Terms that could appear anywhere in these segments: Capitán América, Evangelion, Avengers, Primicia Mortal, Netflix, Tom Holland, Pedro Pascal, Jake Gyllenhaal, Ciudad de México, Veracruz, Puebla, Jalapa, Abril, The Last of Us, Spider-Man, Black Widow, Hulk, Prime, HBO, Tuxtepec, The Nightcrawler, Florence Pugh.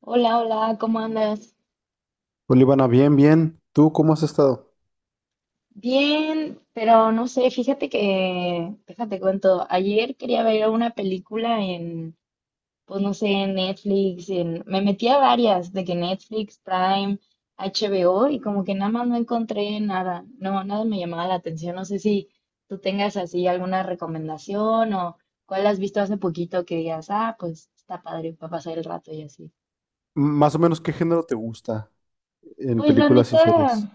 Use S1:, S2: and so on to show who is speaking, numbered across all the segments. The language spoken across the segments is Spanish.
S1: Hola, hola, ¿cómo andas?
S2: Olivana, bien, bien. ¿Tú cómo has estado?
S1: Bien, pero no sé, fíjate que, déjate cuento, ayer quería ver una película en, pues no sé, en Netflix, en, me metí a varias, de que Netflix, Prime, HBO, y como que nada más no encontré nada, no, nada me llamaba la atención, no sé si tú tengas así alguna recomendación o cuál has visto hace poquito que digas, ah, pues está padre para pasar el rato y así.
S2: Más o menos, ¿qué género te gusta en
S1: Pues la
S2: películas y
S1: neta.
S2: series?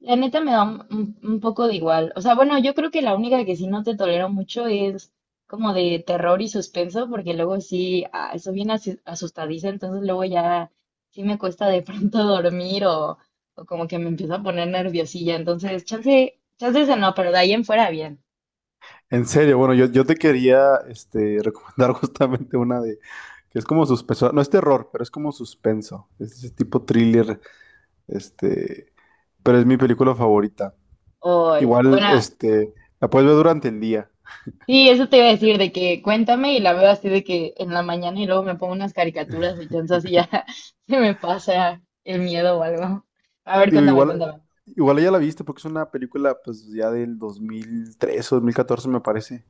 S1: La neta me da un, un poco de igual. O sea, bueno, yo creo que la única que sí no te tolero mucho es como de terror y suspenso, porque luego sí, soy bien asustadiza, entonces luego ya sí me cuesta de pronto dormir o como que me empiezo a poner nerviosilla. Entonces, chance ese no, pero de ahí en fuera bien.
S2: En serio, bueno, yo te quería recomendar justamente una de que es como suspenso, no es terror, pero es como suspenso, es ese tipo thriller, este, pero es mi película favorita.
S1: O,
S2: Igual,
S1: bueno,
S2: la puedes ver durante el día.
S1: sí, eso te iba a decir, de que cuéntame y la veo así de que en la mañana y luego me pongo unas caricaturas y entonces así ya se me pasa el miedo o algo. A ver,
S2: Digo, igual,
S1: cuéntame.
S2: igual ya la viste porque es una película pues ya del 2013 o 2014 me parece.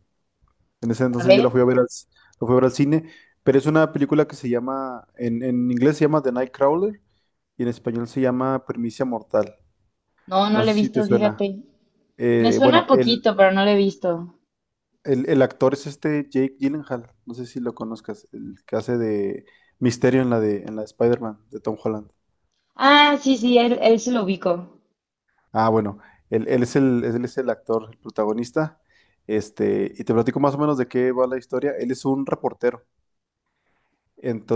S2: En ese
S1: A
S2: entonces yo
S1: ver,
S2: la fui a ver la fui a ver al cine, pero es una película que se llama, en inglés se llama The Nightcrawler y en español se llama Primicia Mortal.
S1: no, no
S2: No
S1: lo he
S2: sé si te
S1: visto,
S2: suena.
S1: fíjate. Me
S2: Bueno,
S1: suena poquito, pero no lo he visto.
S2: el actor es este Jake Gyllenhaal, no sé si lo conozcas, el que hace de Misterio en la de Spider-Man de Tom Holland.
S1: Ah, sí, sí, él se lo ubico.
S2: Ah, bueno, él es el actor, el protagonista. Y te platico más o menos de qué va la historia. Él es un reportero.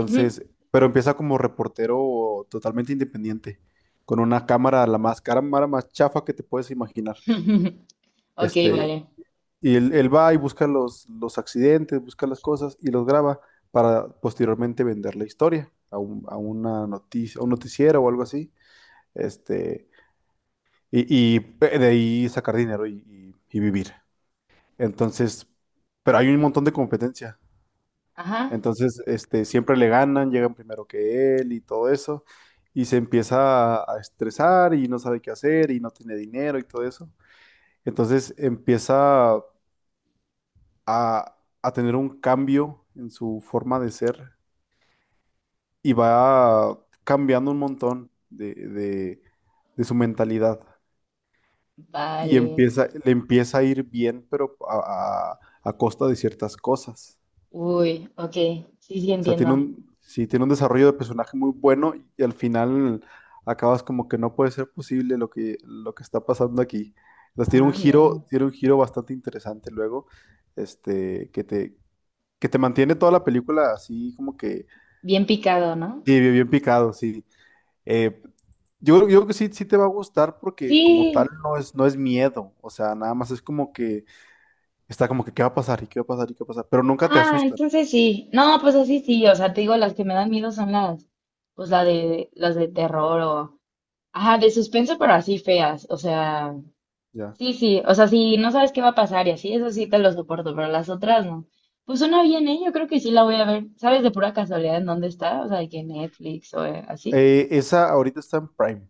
S1: Ujú.
S2: pero empieza como reportero totalmente independiente, con una cámara, la más cámara más chafa que te puedes imaginar.
S1: Ok,
S2: Este,
S1: vale.
S2: y él va y busca los accidentes, busca las cosas y los graba para posteriormente vender la historia a una noticia, a un noticiero o algo así. Este, y de ahí sacar dinero y vivir. Entonces, pero hay un montón de competencia.
S1: Ajá,
S2: Entonces, siempre le ganan, llegan primero que él y todo eso, y se empieza a estresar y no sabe qué hacer y no tiene dinero y todo eso. Entonces empieza a tener un cambio en su forma de ser y va cambiando un montón de su mentalidad. Y
S1: vale.
S2: empieza, le empieza a ir bien, pero a costa de ciertas cosas.
S1: Uy, ok, sí, sí,
S2: O sea,
S1: entiendo.
S2: tiene un desarrollo de personaje muy bueno y al final acabas como que no puede ser posible lo que está pasando aquí. Entonces
S1: Ah, mira.
S2: tiene un giro bastante interesante luego, este, que te, que te mantiene toda la película así como que
S1: Bien picado, ¿no?
S2: sí, bien, bien picado, sí. Eh, yo creo que sí, sí te va a gustar porque
S1: Sí.
S2: como tal no es, no es miedo, o sea, nada más es como que está como que qué va a pasar y qué va a pasar y qué va a pasar, pero nunca te
S1: Ah,
S2: asustan,
S1: entonces sí. No, pues así sí, o sea, te digo, las que me dan miedo son las, pues la de, las de terror o, ajá, de suspenso, pero así feas, o sea.
S2: ya.
S1: Sí, sí, o sea, si no sabes qué va a pasar y así, eso sí te lo soporto, pero las otras no. Pues suena bien, ¿eh? Yo creo que sí la voy a ver. ¿Sabes de pura casualidad en dónde está? O sea, de que Netflix o así.
S2: Esa ahorita está en Prime.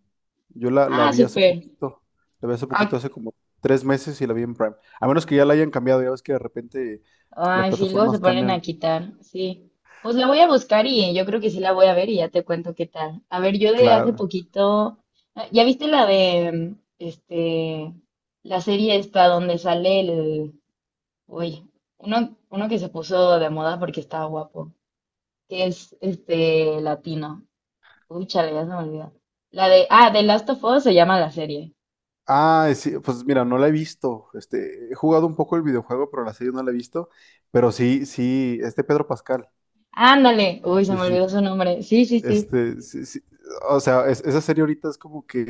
S2: La
S1: Ah,
S2: vi hace
S1: súper.
S2: poquito. La vi hace poquito,
S1: Ah,
S2: hace como 3 meses y la vi en Prime. A menos que ya la hayan cambiado. Ya ves que de repente las
S1: ay, sí, luego se
S2: plataformas
S1: ponen a
S2: cambian.
S1: quitar, sí. Pues la voy a buscar y yo creo que sí la voy a ver y ya te cuento qué tal. A ver, yo de hace
S2: Claro.
S1: poquito, ah, ¿ya viste la de, la serie esta donde sale el, uy, uno que se puso de moda porque estaba guapo? Que es este latino. Uy, chale, ya se me olvidó. La de, ah, The Last of Us se llama la serie.
S2: Ah, sí, pues mira, no la he visto. He jugado un poco el videojuego, pero la serie no la he visto. Pero sí, sí, este Pedro Pascal.
S1: Ándale, uy, se
S2: Sí, sí,
S1: me
S2: sí.
S1: olvidó su nombre. Sí, sí, sí.
S2: Este, sí, sí. O sea, esa serie ahorita es como que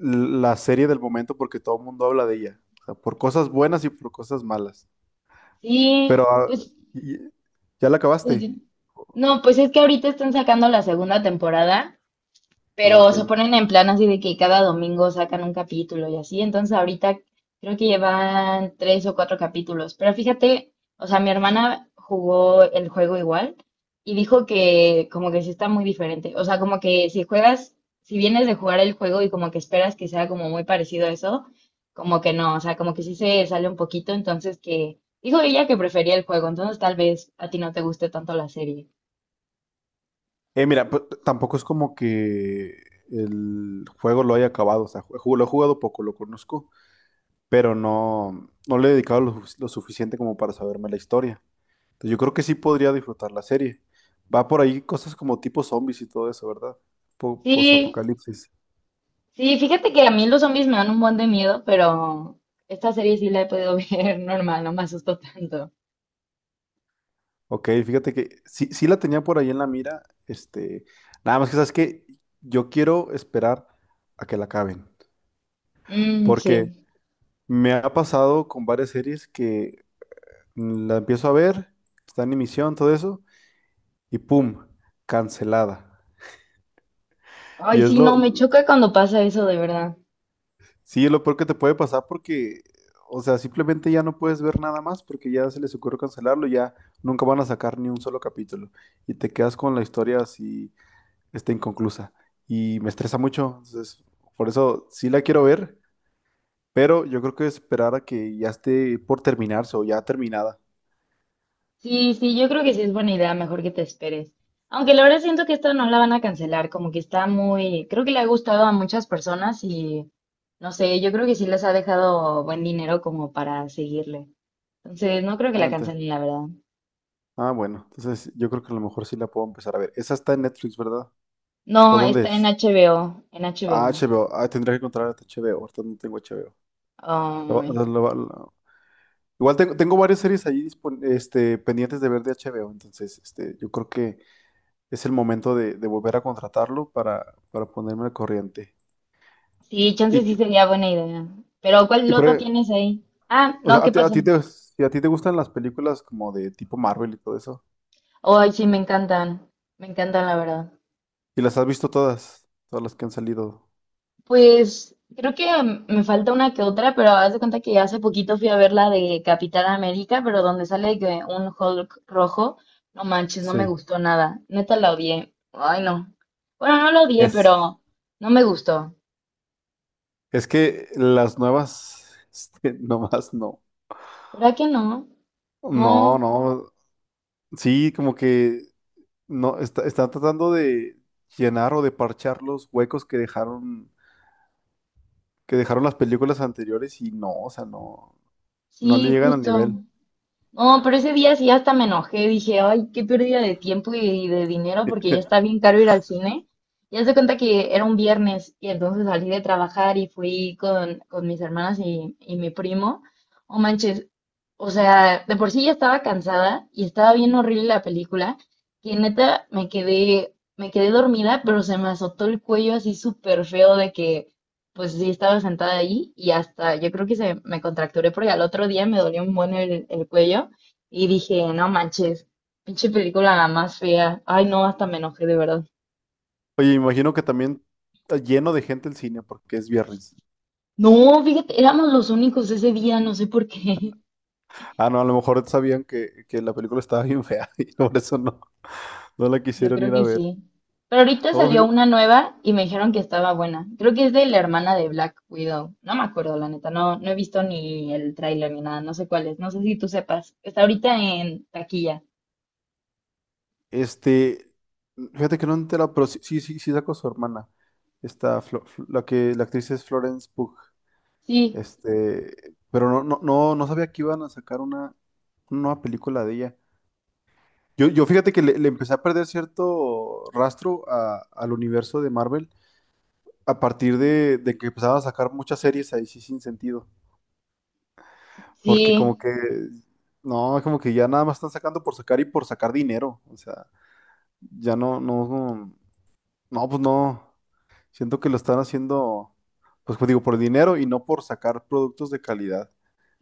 S2: la serie del momento porque todo el mundo habla de ella. O sea, por cosas buenas y por cosas malas.
S1: Sí,
S2: Pero ah,
S1: pues,
S2: y- ya la
S1: pues,
S2: acabaste.
S1: no, pues es que ahorita están sacando la segunda temporada.
S2: Ah,
S1: Pero
S2: ok.
S1: se ponen en plan así de que cada domingo sacan un capítulo y así. Entonces ahorita creo que llevan tres o cuatro capítulos. Pero fíjate, o sea, mi hermana jugó el juego igual y dijo que como que sí está muy diferente. O sea, como que si juegas, si vienes de jugar el juego y como que esperas que sea como muy parecido a eso, como que no, o sea, como que sí se sale un poquito. Entonces que dijo ella que prefería el juego. Entonces tal vez a ti no te guste tanto la serie.
S2: Mira, pues, tampoco es como que el juego lo haya acabado. O sea, lo he jugado poco, lo conozco, pero no, no le he dedicado lo suficiente como para saberme la historia. Entonces, yo creo que sí podría disfrutar la serie. Va por ahí cosas como tipo zombies y todo eso, ¿verdad?
S1: Sí,
S2: Post-apocalipsis.
S1: sí, fíjate que a mí los zombies me dan un buen de miedo, pero esta serie sí la he podido ver normal, no me asustó tanto.
S2: Ok, fíjate que sí, sí la tenía por ahí en la mira. Nada más que sabes que yo quiero esperar a que la acaben.
S1: Mm,
S2: Porque
S1: sí.
S2: me ha pasado con varias series que la empiezo a ver, está en emisión, todo eso, y ¡pum! Cancelada.
S1: Ay,
S2: Y es
S1: sí,
S2: lo,
S1: no, me choca cuando pasa eso, de verdad.
S2: sí, es lo peor que te puede pasar porque, o sea, simplemente ya no puedes ver nada más porque ya se les ocurrió cancelarlo, ya nunca van a sacar ni un solo capítulo. Y te quedas con la historia así, está inconclusa. Y me estresa mucho, entonces, por eso sí la quiero ver, pero yo creo que esperar a que ya esté por terminarse o ya terminada.
S1: Sí, sí, yo creo que sí es buena idea, mejor que te esperes. Aunque la verdad siento que esta no la van a cancelar, como que está muy, creo que le ha gustado a muchas personas y no sé, yo creo que sí les ha dejado buen dinero como para seguirle. Entonces, no creo que
S2: Ah,
S1: la
S2: ente-
S1: cancelen, la verdad.
S2: Ah, bueno, entonces yo creo que a lo mejor sí la puedo empezar a ver. Esa está en Netflix, ¿verdad? ¿O
S1: No,
S2: dónde
S1: está en
S2: es?
S1: HBO, en
S2: Ah,
S1: HBO.
S2: HBO. Ah, tendría que encontrar hasta HBO. Ahorita no tengo HBO. Lo-
S1: Ay.
S2: lo- lo- lo- Igual tengo, tengo varias series ahí pendientes de ver de HBO, entonces yo creo que es el momento de volver a contratarlo para ponerme al corriente.
S1: Sí, chance
S2: Y,
S1: sí sería buena idea. Pero ¿cuál
S2: y por
S1: otro
S2: e-
S1: tienes ahí? Ah,
S2: o
S1: no,
S2: sea,
S1: ¿qué pasó?
S2: si a ti te gustan las películas como de tipo Marvel y todo eso,
S1: Ay, sí, me encantan. Me encantan, la verdad.
S2: ¿y las has visto todas? Todas las que han salido.
S1: Pues creo que me falta una que otra, pero haz de cuenta que hace poquito fui a ver la de Capitán América, pero donde sale que un Hulk rojo. No manches, no me
S2: Sí.
S1: gustó nada. Neta la odié. Ay, no. Bueno, no la odié,
S2: Es.
S1: pero no me gustó.
S2: Es que las nuevas, nomás no.
S1: ¿Verdad que no?
S2: No,
S1: No.
S2: no. Sí, como que no está, están tratando de llenar o de parchar los huecos que dejaron las películas anteriores y no, o sea, no, no le
S1: Sí,
S2: llegan al
S1: justo.
S2: nivel.
S1: No, pero ese día sí hasta me enojé, dije, ay, qué pérdida de tiempo y de dinero porque ya está bien caro ir al cine. Y haz de cuenta que era un viernes y entonces salí de trabajar y fui con mis hermanas y mi primo. Oh, manches, o sea, de por sí ya estaba cansada y estaba bien horrible la película, que neta me quedé dormida, pero se me azotó el cuello así súper feo de que pues sí, estaba sentada ahí y hasta yo creo que se me contracturé porque al otro día me dolió un buen el cuello y dije, no manches, pinche película la más fea. Ay, no, hasta me enojé de verdad.
S2: Oye, imagino que también está lleno de gente el cine porque es viernes.
S1: No, fíjate, éramos los únicos ese día, no sé por qué.
S2: Ah, no, a lo mejor sabían que la película estaba bien fea y por eso no, no la
S1: Yo
S2: quisieron
S1: creo
S2: ir a
S1: que
S2: ver.
S1: sí. Pero ahorita
S2: No,
S1: salió
S2: fí-
S1: una nueva y me dijeron que estaba buena. Creo que es de la hermana de Black Widow. No me acuerdo, la neta. No, no he visto ni el tráiler ni nada. No sé cuál es. No sé si tú sepas. Está ahorita en taquilla.
S2: Este, fíjate que no entera, pero sí, sí, sí, sí sacó su hermana. Esta, la actriz es Florence Pugh.
S1: Sí,
S2: Pero no, no, no, no sabía que iban a sacar una nueva película de ella. Yo fíjate que le empecé a perder cierto rastro al universo de Marvel a partir de que empezaban a sacar muchas series ahí sí sin sentido. Porque
S1: sí.
S2: como que, no, como que ya nada más están sacando por sacar y por sacar dinero. O sea, ya no, no, no, no, pues no. Siento que lo están haciendo, pues como digo, por dinero y no por sacar productos de calidad.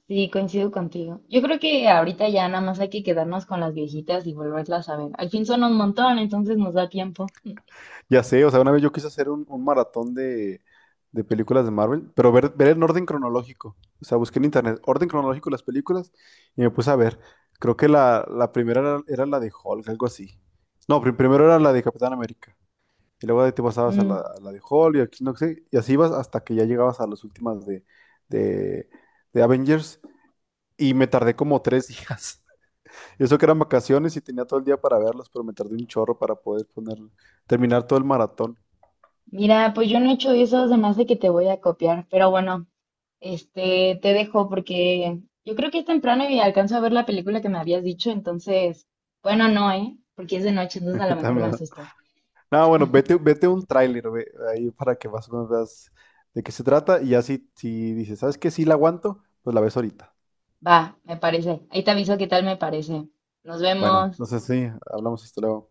S1: Sí, coincido contigo. Yo creo que ahorita ya nada más hay que quedarnos con las viejitas y volverlas a ver. Al fin son un montón, entonces nos da tiempo.
S2: Ya sé, o sea, una vez yo quise hacer un maratón de películas de Marvel, pero ver en orden cronológico. O sea, busqué en internet orden cronológico de las películas y me puse a ver. Creo que era la de Hulk, algo así. No, primero era la de Capitán América. Y luego de ahí te pasabas
S1: Mm,
S2: a la de Hulk y aquí no sé. Y así ibas hasta que ya llegabas a las últimas de, de Avengers. Y me tardé como 3 días. Eso que eran vacaciones y tenía todo el día para verlos, pero me tardé un chorro para poder terminar todo el maratón.
S1: mira, pues yo no he hecho eso, se me hace que te voy a copiar, pero bueno, te dejo porque yo creo que es temprano y alcanzo a ver la película que me habías dicho, entonces, bueno, no, ¿eh? Porque es de noche, entonces a lo mejor me
S2: También.
S1: asusto.
S2: No, bueno, vete, vete un tráiler ahí para que más o menos veas de qué se trata y ya si, si dices, ¿sabes qué? Sí la aguanto, pues la ves ahorita.
S1: Va, me parece. Ahí te aviso qué tal me parece. Nos
S2: Bueno,
S1: vemos.
S2: entonces sí, hablamos esto luego.